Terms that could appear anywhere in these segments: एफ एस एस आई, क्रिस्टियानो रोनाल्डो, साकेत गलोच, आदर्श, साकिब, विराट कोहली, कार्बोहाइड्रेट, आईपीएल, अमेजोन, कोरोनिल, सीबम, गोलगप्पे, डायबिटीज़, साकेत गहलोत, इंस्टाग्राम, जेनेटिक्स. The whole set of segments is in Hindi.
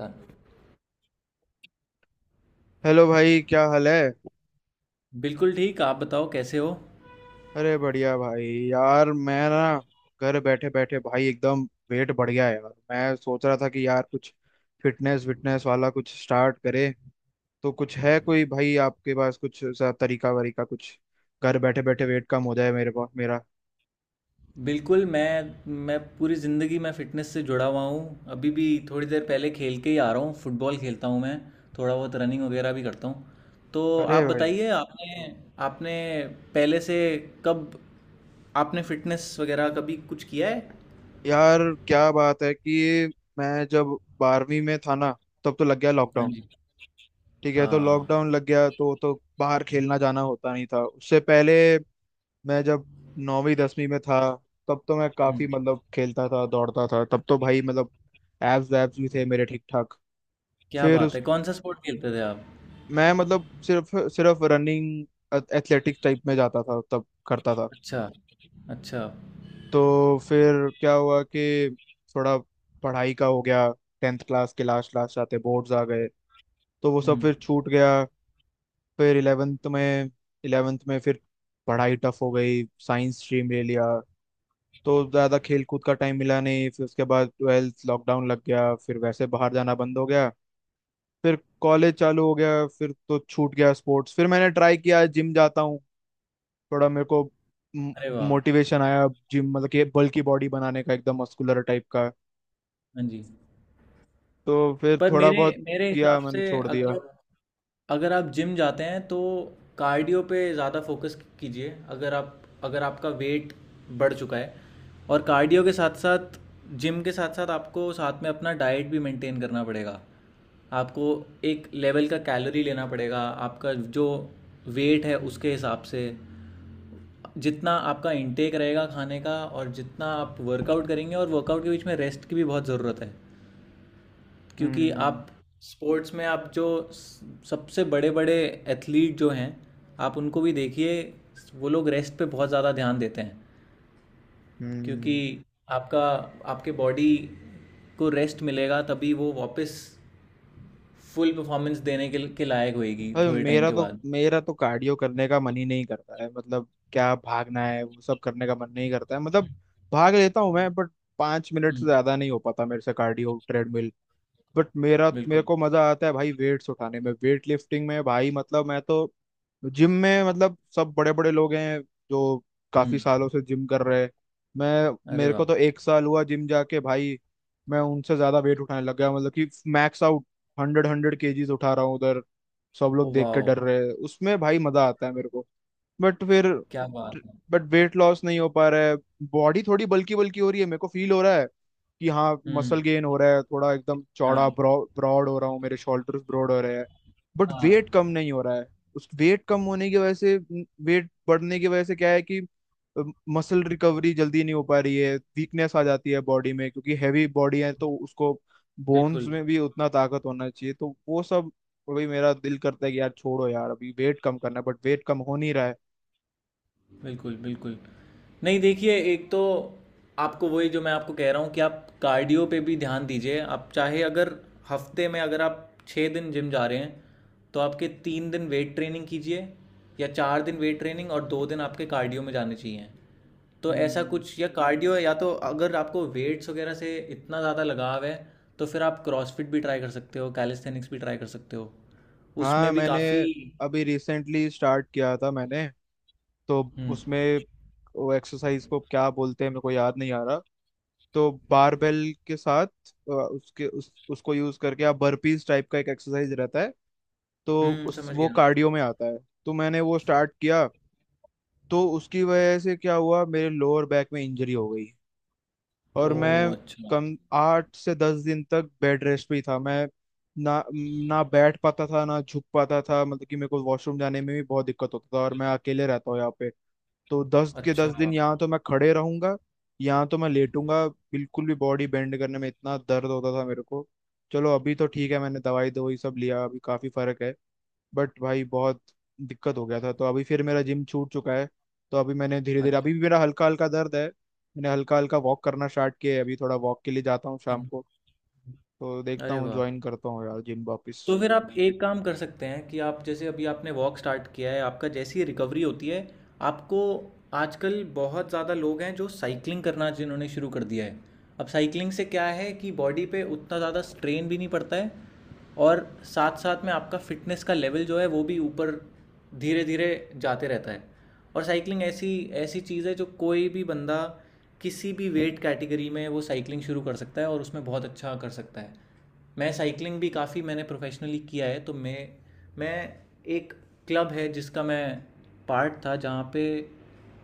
हाँ, हेलो भाई, क्या हाल है। बिल्कुल ठीक। आप बताओ कैसे हो। अरे बढ़िया भाई। यार मैं ना, घर बैठे बैठे भाई एकदम वेट बढ़ गया है। यार मैं सोच रहा था कि यार कुछ फिटनेस विटनेस वाला कुछ स्टार्ट करे, तो कुछ है कोई भाई आपके पास कुछ ऐसा तरीका वरीका कुछ, घर बैठे बैठे वेट कम हो जाए। मेरे पास मेरा बिल्कुल। मैं पूरी ज़िंदगी मैं फ़िटनेस से जुड़ा हुआ हूँ, अभी भी थोड़ी देर पहले खेल के ही आ रहा हूँ। फुटबॉल खेलता हूँ मैं, थोड़ा बहुत रनिंग वगैरह भी करता हूँ। तो अरे आप भाई, बताइए, आपने आपने पहले से कब आपने फ़िटनेस वगैरह कभी कुछ किया है? यार क्या बात है कि मैं जब 12वीं में था ना, तब तो लग गया हाँ लॉकडाउन। जी। ठीक है, तो हाँ। लॉकडाउन लग गया तो बाहर खेलना जाना होता नहीं था। उससे पहले मैं जब नौवीं 10वीं में था, तब तो मैं काफी हम्म। मतलब खेलता था, दौड़ता था। तब तो भाई मतलब एब्स एब्स भी थे मेरे ठीक ठाक। क्या फिर बात उस है! कौन सा स्पोर्ट खेलते थे आप? मैं मतलब सिर्फ सिर्फ रनिंग एथलेटिक्स टाइप में जाता था, तब करता था। अच्छा। अच्छा। तो फिर क्या हुआ कि थोड़ा पढ़ाई का हो गया। टेंथ क्लास के लास्ट लास्ट आते बोर्ड्स आ गए, तो वो सब हम्म। फिर छूट गया। फिर इलेवेंथ में, फिर पढ़ाई टफ हो गई, साइंस स्ट्रीम ले लिया, तो ज्यादा खेल कूद का टाइम मिला नहीं। फिर उसके बाद ट्वेल्थ, लॉकडाउन लग गया, फिर वैसे बाहर जाना बंद हो गया। फिर कॉलेज चालू हो गया, फिर तो छूट गया स्पोर्ट्स। फिर मैंने ट्राई किया जिम जाता हूँ, थोड़ा मेरे को अरे वाह! मोटिवेशन आया जिम, मतलब कि बल्की बॉडी बनाने का, एकदम मस्कुलर टाइप का। हाँ जी। तो फिर पर थोड़ा मेरे बहुत मेरे किया, हिसाब मैंने से, छोड़ दिया। अगर आप जिम जाते हैं तो कार्डियो पे ज़्यादा फोकस कीजिए। अगर आपका वेट बढ़ चुका है, और कार्डियो के साथ साथ जिम के साथ साथ आपको साथ में अपना डाइट भी मेंटेन करना पड़ेगा। आपको एक लेवल का कैलोरी लेना पड़ेगा, आपका जो वेट है उसके हिसाब से। जितना आपका इंटेक रहेगा खाने का और जितना आप वर्कआउट करेंगे, और वर्कआउट के बीच में रेस्ट की भी बहुत ज़रूरत है। क्योंकि हम्म। आप स्पोर्ट्स में आप जो सबसे बड़े बड़े एथलीट जो हैं, आप उनको भी देखिए, वो लोग रेस्ट पे बहुत ज़्यादा ध्यान देते हैं। क्योंकि हम्म। आपका आपके बॉडी को रेस्ट मिलेगा तभी वो वापस फुल परफॉर्मेंस देने के लायक होएगी अरे थोड़े टाइम मेरा के तो बाद। मेरा तो कार्डियो करने का मन ही नहीं करता है, मतलब क्या भागना है वो सब करने का मन नहीं करता है। मतलब भाग लेता हूँ मैं, बट 5 मिनट से ज्यादा नहीं हो पाता मेरे से कार्डियो ट्रेडमिल। बट मेरा, मेरे बिल्कुल। को मजा आता है भाई वेट्स उठाने में, वेट लिफ्टिंग में भाई। मतलब मैं तो जिम में मतलब सब बड़े बड़े लोग हैं जो काफी हम्म। सालों से जिम कर रहे हैं, मैं अरे मेरे को वाह! तो एक साल हुआ जिम जाके भाई, मैं उनसे ज्यादा वेट उठाने लग गया। मतलब कि max out hundred hundred kgs उठा रहा हूँ उधर, सब ओ लोग देख के वाह! डर रहे हैं उसमें। भाई मजा आता है मेरे को। बट फिर, क्या बात है! बट वेट लॉस नहीं हो पा रहा है। बॉडी थोड़ी बल्की बल्की हो रही है, मेरे को फील हो रहा है कि हाँ, हम्म। मसल गेन हो रहा है थोड़ा, एकदम हाँ। चौड़ा ब्रॉड हो रहा हूँ, मेरे शोल्डर्स ब्रॉड हो रहे हैं, बट वेट कम हाँ। नहीं हो रहा है। उस वेट कम होने की वजह से वेट बढ़ने की वजह से क्या है कि मसल रिकवरी जल्दी नहीं हो पा रही है, वीकनेस आ जाती है बॉडी में, क्योंकि हैवी बॉडी है तो उसको बोन्स बिल्कुल, में भी उतना ताकत होना चाहिए, तो वो सब। अभी मेरा दिल करता है कि यार छोड़ो यार, अभी वेट कम करना है, बट वेट कम हो नहीं रहा है। बिल्कुल, बिल्कुल। नहीं, देखिए, एक तो आपको वही जो मैं आपको कह रहा हूँ कि आप कार्डियो पे भी ध्यान दीजिए। आप चाहे, अगर हफ्ते में अगर आप 6 दिन जिम जा रहे हैं, तो आपके 3 दिन वेट ट्रेनिंग कीजिए, या 4 दिन वेट ट्रेनिंग और 2 दिन आपके कार्डियो में जाने चाहिए। तो ऐसा हम्म। कुछ, या कार्डियो, या तो अगर आपको वेट्स वगैरह से इतना ज़्यादा लगाव है तो फिर आप क्रॉसफिट भी ट्राई कर सकते हो, कैलिस्थेनिक्स भी ट्राई कर सकते हो, हाँ, उसमें भी मैंने काफ़ी। अभी रिसेंटली स्टार्ट किया था मैंने, तो हम्म। उसमें वो एक्सरसाइज को क्या बोलते हैं मेरे को याद नहीं आ रहा। तो बारबेल के साथ अ, उसके उस उसको यूज करके आप बर्पीज टाइप का एक एक्सरसाइज रहता है, तो हम्म, उस समझ वो गया। कार्डियो में आता है। तो मैंने वो स्टार्ट किया, तो उसकी वजह से क्या हुआ मेरे लोअर बैक में इंजरी हो गई, और ओ, मैं अच्छा। कम 8 से 10 दिन तक बेड रेस्ट पे ही था मैं। ना ना बैठ पाता था, ना झुक पाता था, मतलब कि मेरे को वॉशरूम जाने में भी बहुत दिक्कत होता था, और मैं अकेले रहता हूँ यहाँ पे, तो दस के दस अच्छा, दिन यहाँ तो मैं खड़े रहूंगा, यहाँ तो मैं लेटूंगा, बिल्कुल भी बॉडी बेंड करने में इतना दर्द होता था मेरे को। चलो अभी तो ठीक है, मैंने दवाई दवाई सब लिया, अभी काफी फर्क है। बट भाई बहुत दिक्कत हो गया था, तो अभी फिर मेरा जिम छूट चुका है। तो अभी मैंने धीरे धीरे, अभी अच्छा। भी मेरा हल्का हल्का दर्द है, मैंने हल्का हल्का वॉक करना स्टार्ट किया है अभी, थोड़ा वॉक के लिए जाता हूँ शाम हुँ, को। हुँ। तो देखता अरे हूँ वाह! ज्वाइन करता हूँ यार जिम वापस। तो फिर आप एक काम कर सकते हैं कि आप जैसे अभी आपने वॉक स्टार्ट किया है, आपका जैसी ही रिकवरी होती है, आपको आजकल बहुत ज़्यादा लोग हैं जो साइकिलिंग करना जिन्होंने शुरू कर दिया है। अब साइकिलिंग से क्या है कि बॉडी पे उतना ज़्यादा स्ट्रेन भी नहीं पड़ता है, और साथ साथ में आपका फिटनेस का लेवल जो है वो भी ऊपर धीरे धीरे जाते रहता है। और साइकिलिंग ऐसी ऐसी चीज़ है जो कोई भी बंदा किसी भी वेट कैटेगरी में वो साइकिलिंग शुरू कर सकता है और उसमें बहुत अच्छा कर सकता है। मैं साइकिलिंग भी काफ़ी मैंने प्रोफेशनली किया है। तो मैं एक क्लब है जिसका मैं पार्ट था, जहाँ पे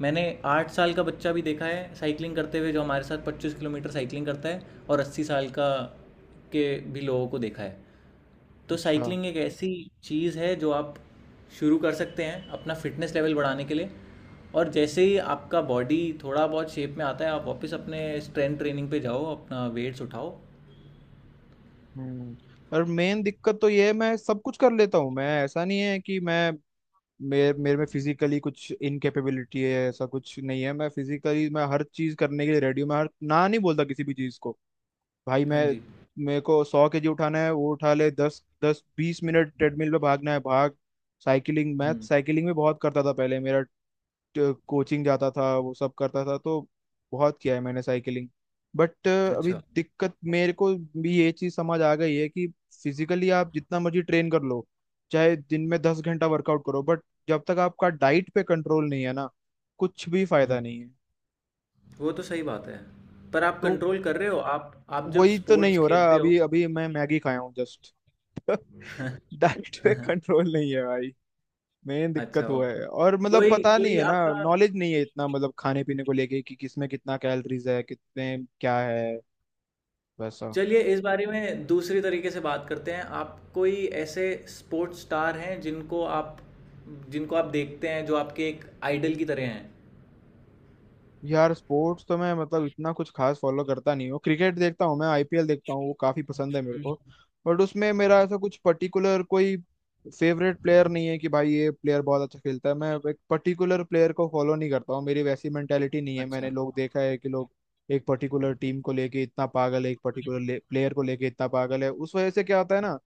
मैंने 8 साल का बच्चा भी देखा है साइकिलिंग करते हुए, जो हमारे साथ 25 किलोमीटर साइकिलिंग करता है। और 80 साल का के भी लोगों को देखा है। तो अच्छा। साइकिलिंग एक ऐसी चीज़ है जो आप शुरू कर सकते हैं अपना फिटनेस लेवल बढ़ाने के लिए, और जैसे ही आपका बॉडी थोड़ा बहुत शेप में आता है आप वापस अपने स्ट्रेंथ ट्रेनिंग पे जाओ, अपना वेट्स उठाओ। हम्म। और मेन दिक्कत तो ये है मैं सब कुछ कर लेता हूँ, मैं ऐसा नहीं है कि मैं, मेरे मेरे में फिजिकली कुछ इनकेपेबिलिटी है ऐसा कुछ नहीं है। मैं फिजिकली मैं हर चीज करने के लिए रेडी हूँ, मैं हर ना नहीं बोलता किसी भी चीज को। भाई हाँ मैं, जी। मेरे को 100 केजी उठाना है वो उठा ले, दस दस बीस मिनट ट्रेडमिल पे भागना है भाग। साइकिलिंग, मैं हम्म। साइकिलिंग भी बहुत करता था पहले, मेरा कोचिंग जाता था वो सब करता था, तो बहुत किया है मैंने साइकिलिंग। बट अभी अच्छा। दिक्कत मेरे को भी ये चीज़ समझ आ गई है कि फिजिकली आप जितना मर्जी ट्रेन कर लो, चाहे दिन में 10 घंटा वर्कआउट करो, बट जब तक आपका डाइट पे कंट्रोल नहीं है ना, कुछ भी फायदा हुँ, नहीं है। वो तो सही बात है। पर आप तो कंट्रोल कर रहे हो, आप जब वही तो नहीं स्पोर्ट्स हो रहा खेलते हो। अभी, अभी मैं मैगी खाया हूँ जस्ट, डाइट पे कंट्रोल नहीं है भाई, मेन अच्छा, दिक्कत वो ओके। है। और मतलब कोई पता नहीं कोई है ना, आपका नॉलेज नहीं है इतना मतलब खाने पीने को लेके कि किसमें कितना कैलोरीज है, कितने क्या है। वैसा, चलिए, इस बारे में दूसरी तरीके से बात करते हैं। आप कोई ऐसे स्पोर्ट्स स्टार हैं, जिनको आप देखते हैं, जो आपके एक आइडल की तरह हैं? यार स्पोर्ट्स तो मैं मतलब इतना कुछ खास फॉलो करता नहीं हूँ, क्रिकेट देखता हूँ मैं, आईपीएल देखता हूँ, वो काफी पसंद है मेरे को। बट उसमें मेरा ऐसा कुछ पर्टिकुलर कोई फेवरेट प्लेयर नहीं है कि भाई ये प्लेयर बहुत अच्छा खेलता है। मैं एक पर्टिकुलर प्लेयर को फॉलो नहीं करता हूँ, मेरी वैसी मेंटेलिटी नहीं है। मैंने अच्छा। लोग देखा है कि लोग एक पर्टिकुलर टीम को लेके इतना पागल है, एक हुँ, पर्टिकुलर प्लेयर को लेके इतना पागल है। उस वजह से क्या होता है ना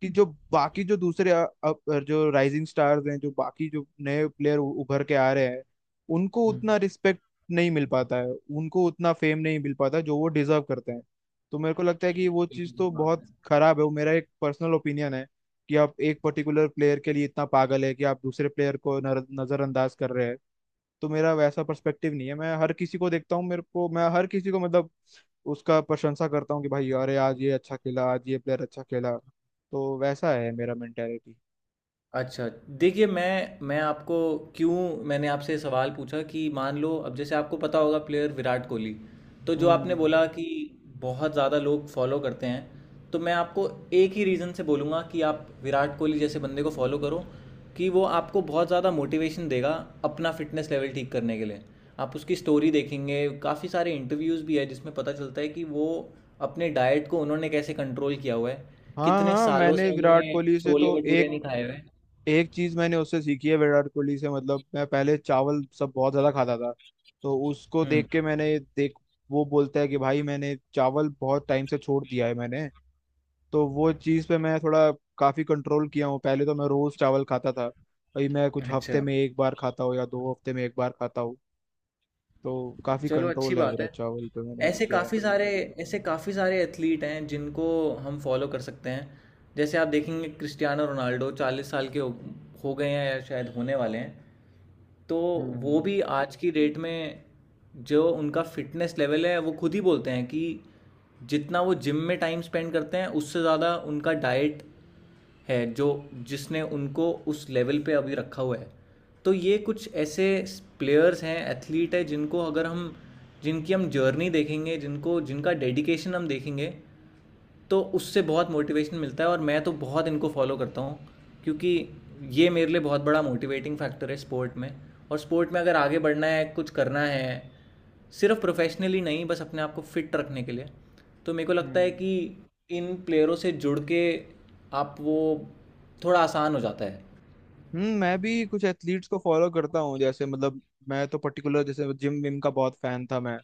कि जो बाकी जो दूसरे जो राइजिंग स्टार्स हैं, जो बाकी जो नए प्लेयर उभर के आ रहे हैं, उनको हुँ। उतना रिस्पेक्ट नहीं मिल पाता है, उनको उतना फेम नहीं मिल पाता जो वो डिजर्व करते हैं। तो मेरे को लगता है कि वो चीज़ बिल्कुल तो सही बात बहुत है। खराब है, वो मेरा एक पर्सनल ओपिनियन है, कि आप एक पर्टिकुलर प्लेयर के लिए इतना पागल है कि आप दूसरे प्लेयर को नजरअंदाज कर रहे हैं। तो मेरा वैसा पर्सपेक्टिव नहीं है, मैं हर किसी को देखता हूँ, मेरे को, मैं हर किसी को मतलब उसका प्रशंसा करता हूँ कि भाई अरे आज ये अच्छा खेला, आज ये प्लेयर अच्छा खेला, तो वैसा है मेरा मेंटेलिटी। अच्छा, देखिए मैं आपको क्यों मैंने आपसे सवाल पूछा कि मान लो, अब जैसे आपको पता होगा, प्लेयर विराट कोहली, तो जो आपने हम्म। बोला कि बहुत ज़्यादा लोग फॉलो करते हैं, तो मैं आपको एक ही रीज़न से बोलूँगा कि आप विराट कोहली जैसे बंदे को फॉलो करो, कि वो आपको बहुत ज़्यादा मोटिवेशन देगा अपना फिटनेस लेवल ठीक करने के लिए। आप उसकी स्टोरी देखेंगे, काफ़ी सारे इंटरव्यूज़ भी है जिसमें पता चलता है कि वो अपने डाइट को उन्होंने कैसे कंट्रोल किया हुआ है, हाँ कितने हाँ, सालों मैंने से विराट उन्होंने कोहली से छोले तो भटूरे एक, नहीं खाए हुए। एक चीज मैंने उससे सीखी है विराट कोहली से। मतलब मैं पहले चावल सब बहुत ज्यादा खाता था, तो उसको हुँ। देख के, मैंने देख, वो बोलता है कि भाई मैंने चावल बहुत टाइम से छोड़ दिया है मैंने, तो वो चीज़ पे मैं थोड़ा काफ़ी कंट्रोल किया हूँ। पहले तो मैं रोज़ चावल खाता था, अभी मैं कुछ अच्छा, हफ्ते में एक बार खाता हूँ या 2 हफ्ते में एक बार खाता हूँ, तो काफ़ी चलो अच्छी कंट्रोल है बात मेरा है। चावल पे, मैंने अभी ऐसे किया है। काफ़ी सारे ऐसे काफ़ी सारे एथलीट हैं जिनको हम फॉलो कर सकते हैं। जैसे आप देखेंगे, क्रिस्टियानो रोनाल्डो 40 साल के हो गए हैं या शायद होने वाले हैं। तो वो हम्म। भी आज की डेट में, जो उनका फ़िटनेस लेवल है, वो खुद ही बोलते हैं कि जितना वो जिम में टाइम स्पेंड करते हैं उससे ज़्यादा उनका डाइट है जो जिसने उनको उस लेवल पे अभी रखा हुआ है। तो ये कुछ ऐसे प्लेयर्स हैं, एथलीट है, जिनको अगर हम जिनकी हम जर्नी देखेंगे, जिनको जिनका डेडिकेशन हम देखेंगे, तो उससे बहुत मोटिवेशन मिलता है। और मैं तो बहुत इनको फॉलो करता हूँ, क्योंकि ये मेरे लिए बहुत बड़ा मोटिवेटिंग फैक्टर है स्पोर्ट में। और स्पोर्ट में अगर आगे बढ़ना है, कुछ करना है, सिर्फ प्रोफेशनली नहीं, बस अपने आप को फिट रखने के लिए, तो मेरे को लगता है हम्म। कि इन प्लेयरों से जुड़ के आप वो थोड़ा आसान हो जाता है। हम्म, मैं भी कुछ एथलीट्स को फॉलो करता हूँ, जैसे मतलब मैं तो पर्टिकुलर जैसे जिम विम का बहुत फैन था मैं,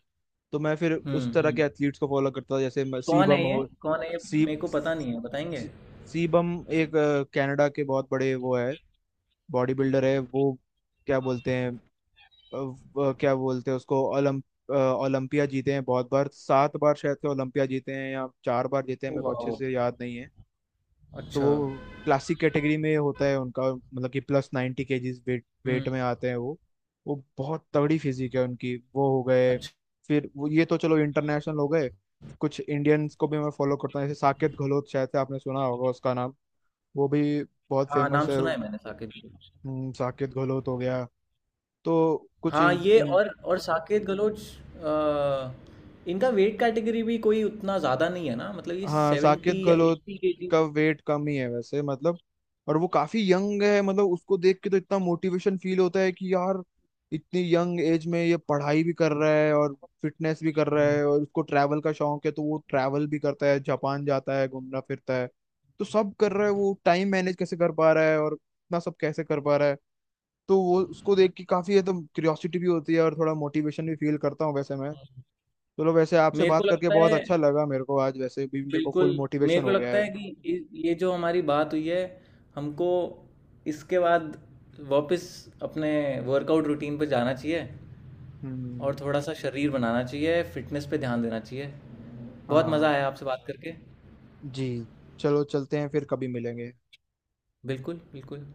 तो मैं फिर उस हम्म, तरह के एथलीट्स को फॉलो करता था जैसे म- सीबम हो। कौन है ये, सी मेरे को पता नहीं है, बताएंगे। सी- सीबम एक कनाडा के बहुत बड़े वो है, बॉडी बिल्डर है वो। क्या बोलते हैं, वो क्या बोलते हैं उसको, ओलंप ओलंपिया जीते हैं बहुत बार, 7 बार शायद से ओलंपिया जीते हैं या 4 बार जीते हैं, ओ मेरे को वाह। अच्छे से याद नहीं है। तो अच्छा। वो क्लासिक कैटेगरी में होता है उनका, मतलब कि +90 केजीज वेट वेट हम्म। में आते हैं वो बहुत तगड़ी फिजिक है उनकी, वो हो गए। अच्छा। फिर वो ये तो चलो इंटरनेशनल हो गए, कुछ इंडियंस को भी मैं फॉलो करता हूँ जैसे साकेत गहलोत, शायद से आपने सुना होगा उसका नाम, वो भी बहुत हाँ, फेमस नाम है। सुना है मैंने, साकिब। साकेत गहलोत हो गया, तो कुछ हाँ, इन, ये इन और साकेत गलोच। अ, इनका वेट कैटेगरी भी कोई उतना ज़्यादा नहीं है ना, मतलब ये हाँ साकेत 70 या गहलोत 80 केजी। का वेट कम ही है वैसे, मतलब, और वो काफी यंग है, मतलब उसको देख के तो इतना मोटिवेशन फील होता है कि यार इतनी यंग एज में ये पढ़ाई भी कर रहा है और फिटनेस भी कर रहा है, और उसको ट्रैवल का शौक है तो वो ट्रैवल भी करता है, जापान जाता है घूमना फिरता है। तो सब कर रहा है, वो टाइम मैनेज कैसे कर पा रहा है और इतना सब कैसे कर पा रहा है, तो वो उसको देख के काफी है तो क्यूरियोसिटी भी होती है और थोड़ा मोटिवेशन भी फील करता हूँ वैसे मैं। चलो वैसे आपसे मेरे को बात करके लगता बहुत है अच्छा लगा मेरे को, आज वैसे भी मेरे को बिल्कुल। फुल मेरे मोटिवेशन को हो गया लगता है है। कि ये जो हमारी बात हुई है, हमको इसके बाद वापस अपने वर्कआउट रूटीन पर जाना चाहिए, हम्म। और थोड़ा सा शरीर बनाना चाहिए, फिटनेस पे ध्यान देना चाहिए। बहुत मज़ा हाँ आया आपसे बात करके। जी, चलो चलते हैं, फिर कभी मिलेंगे। बिल्कुल, बिल्कुल।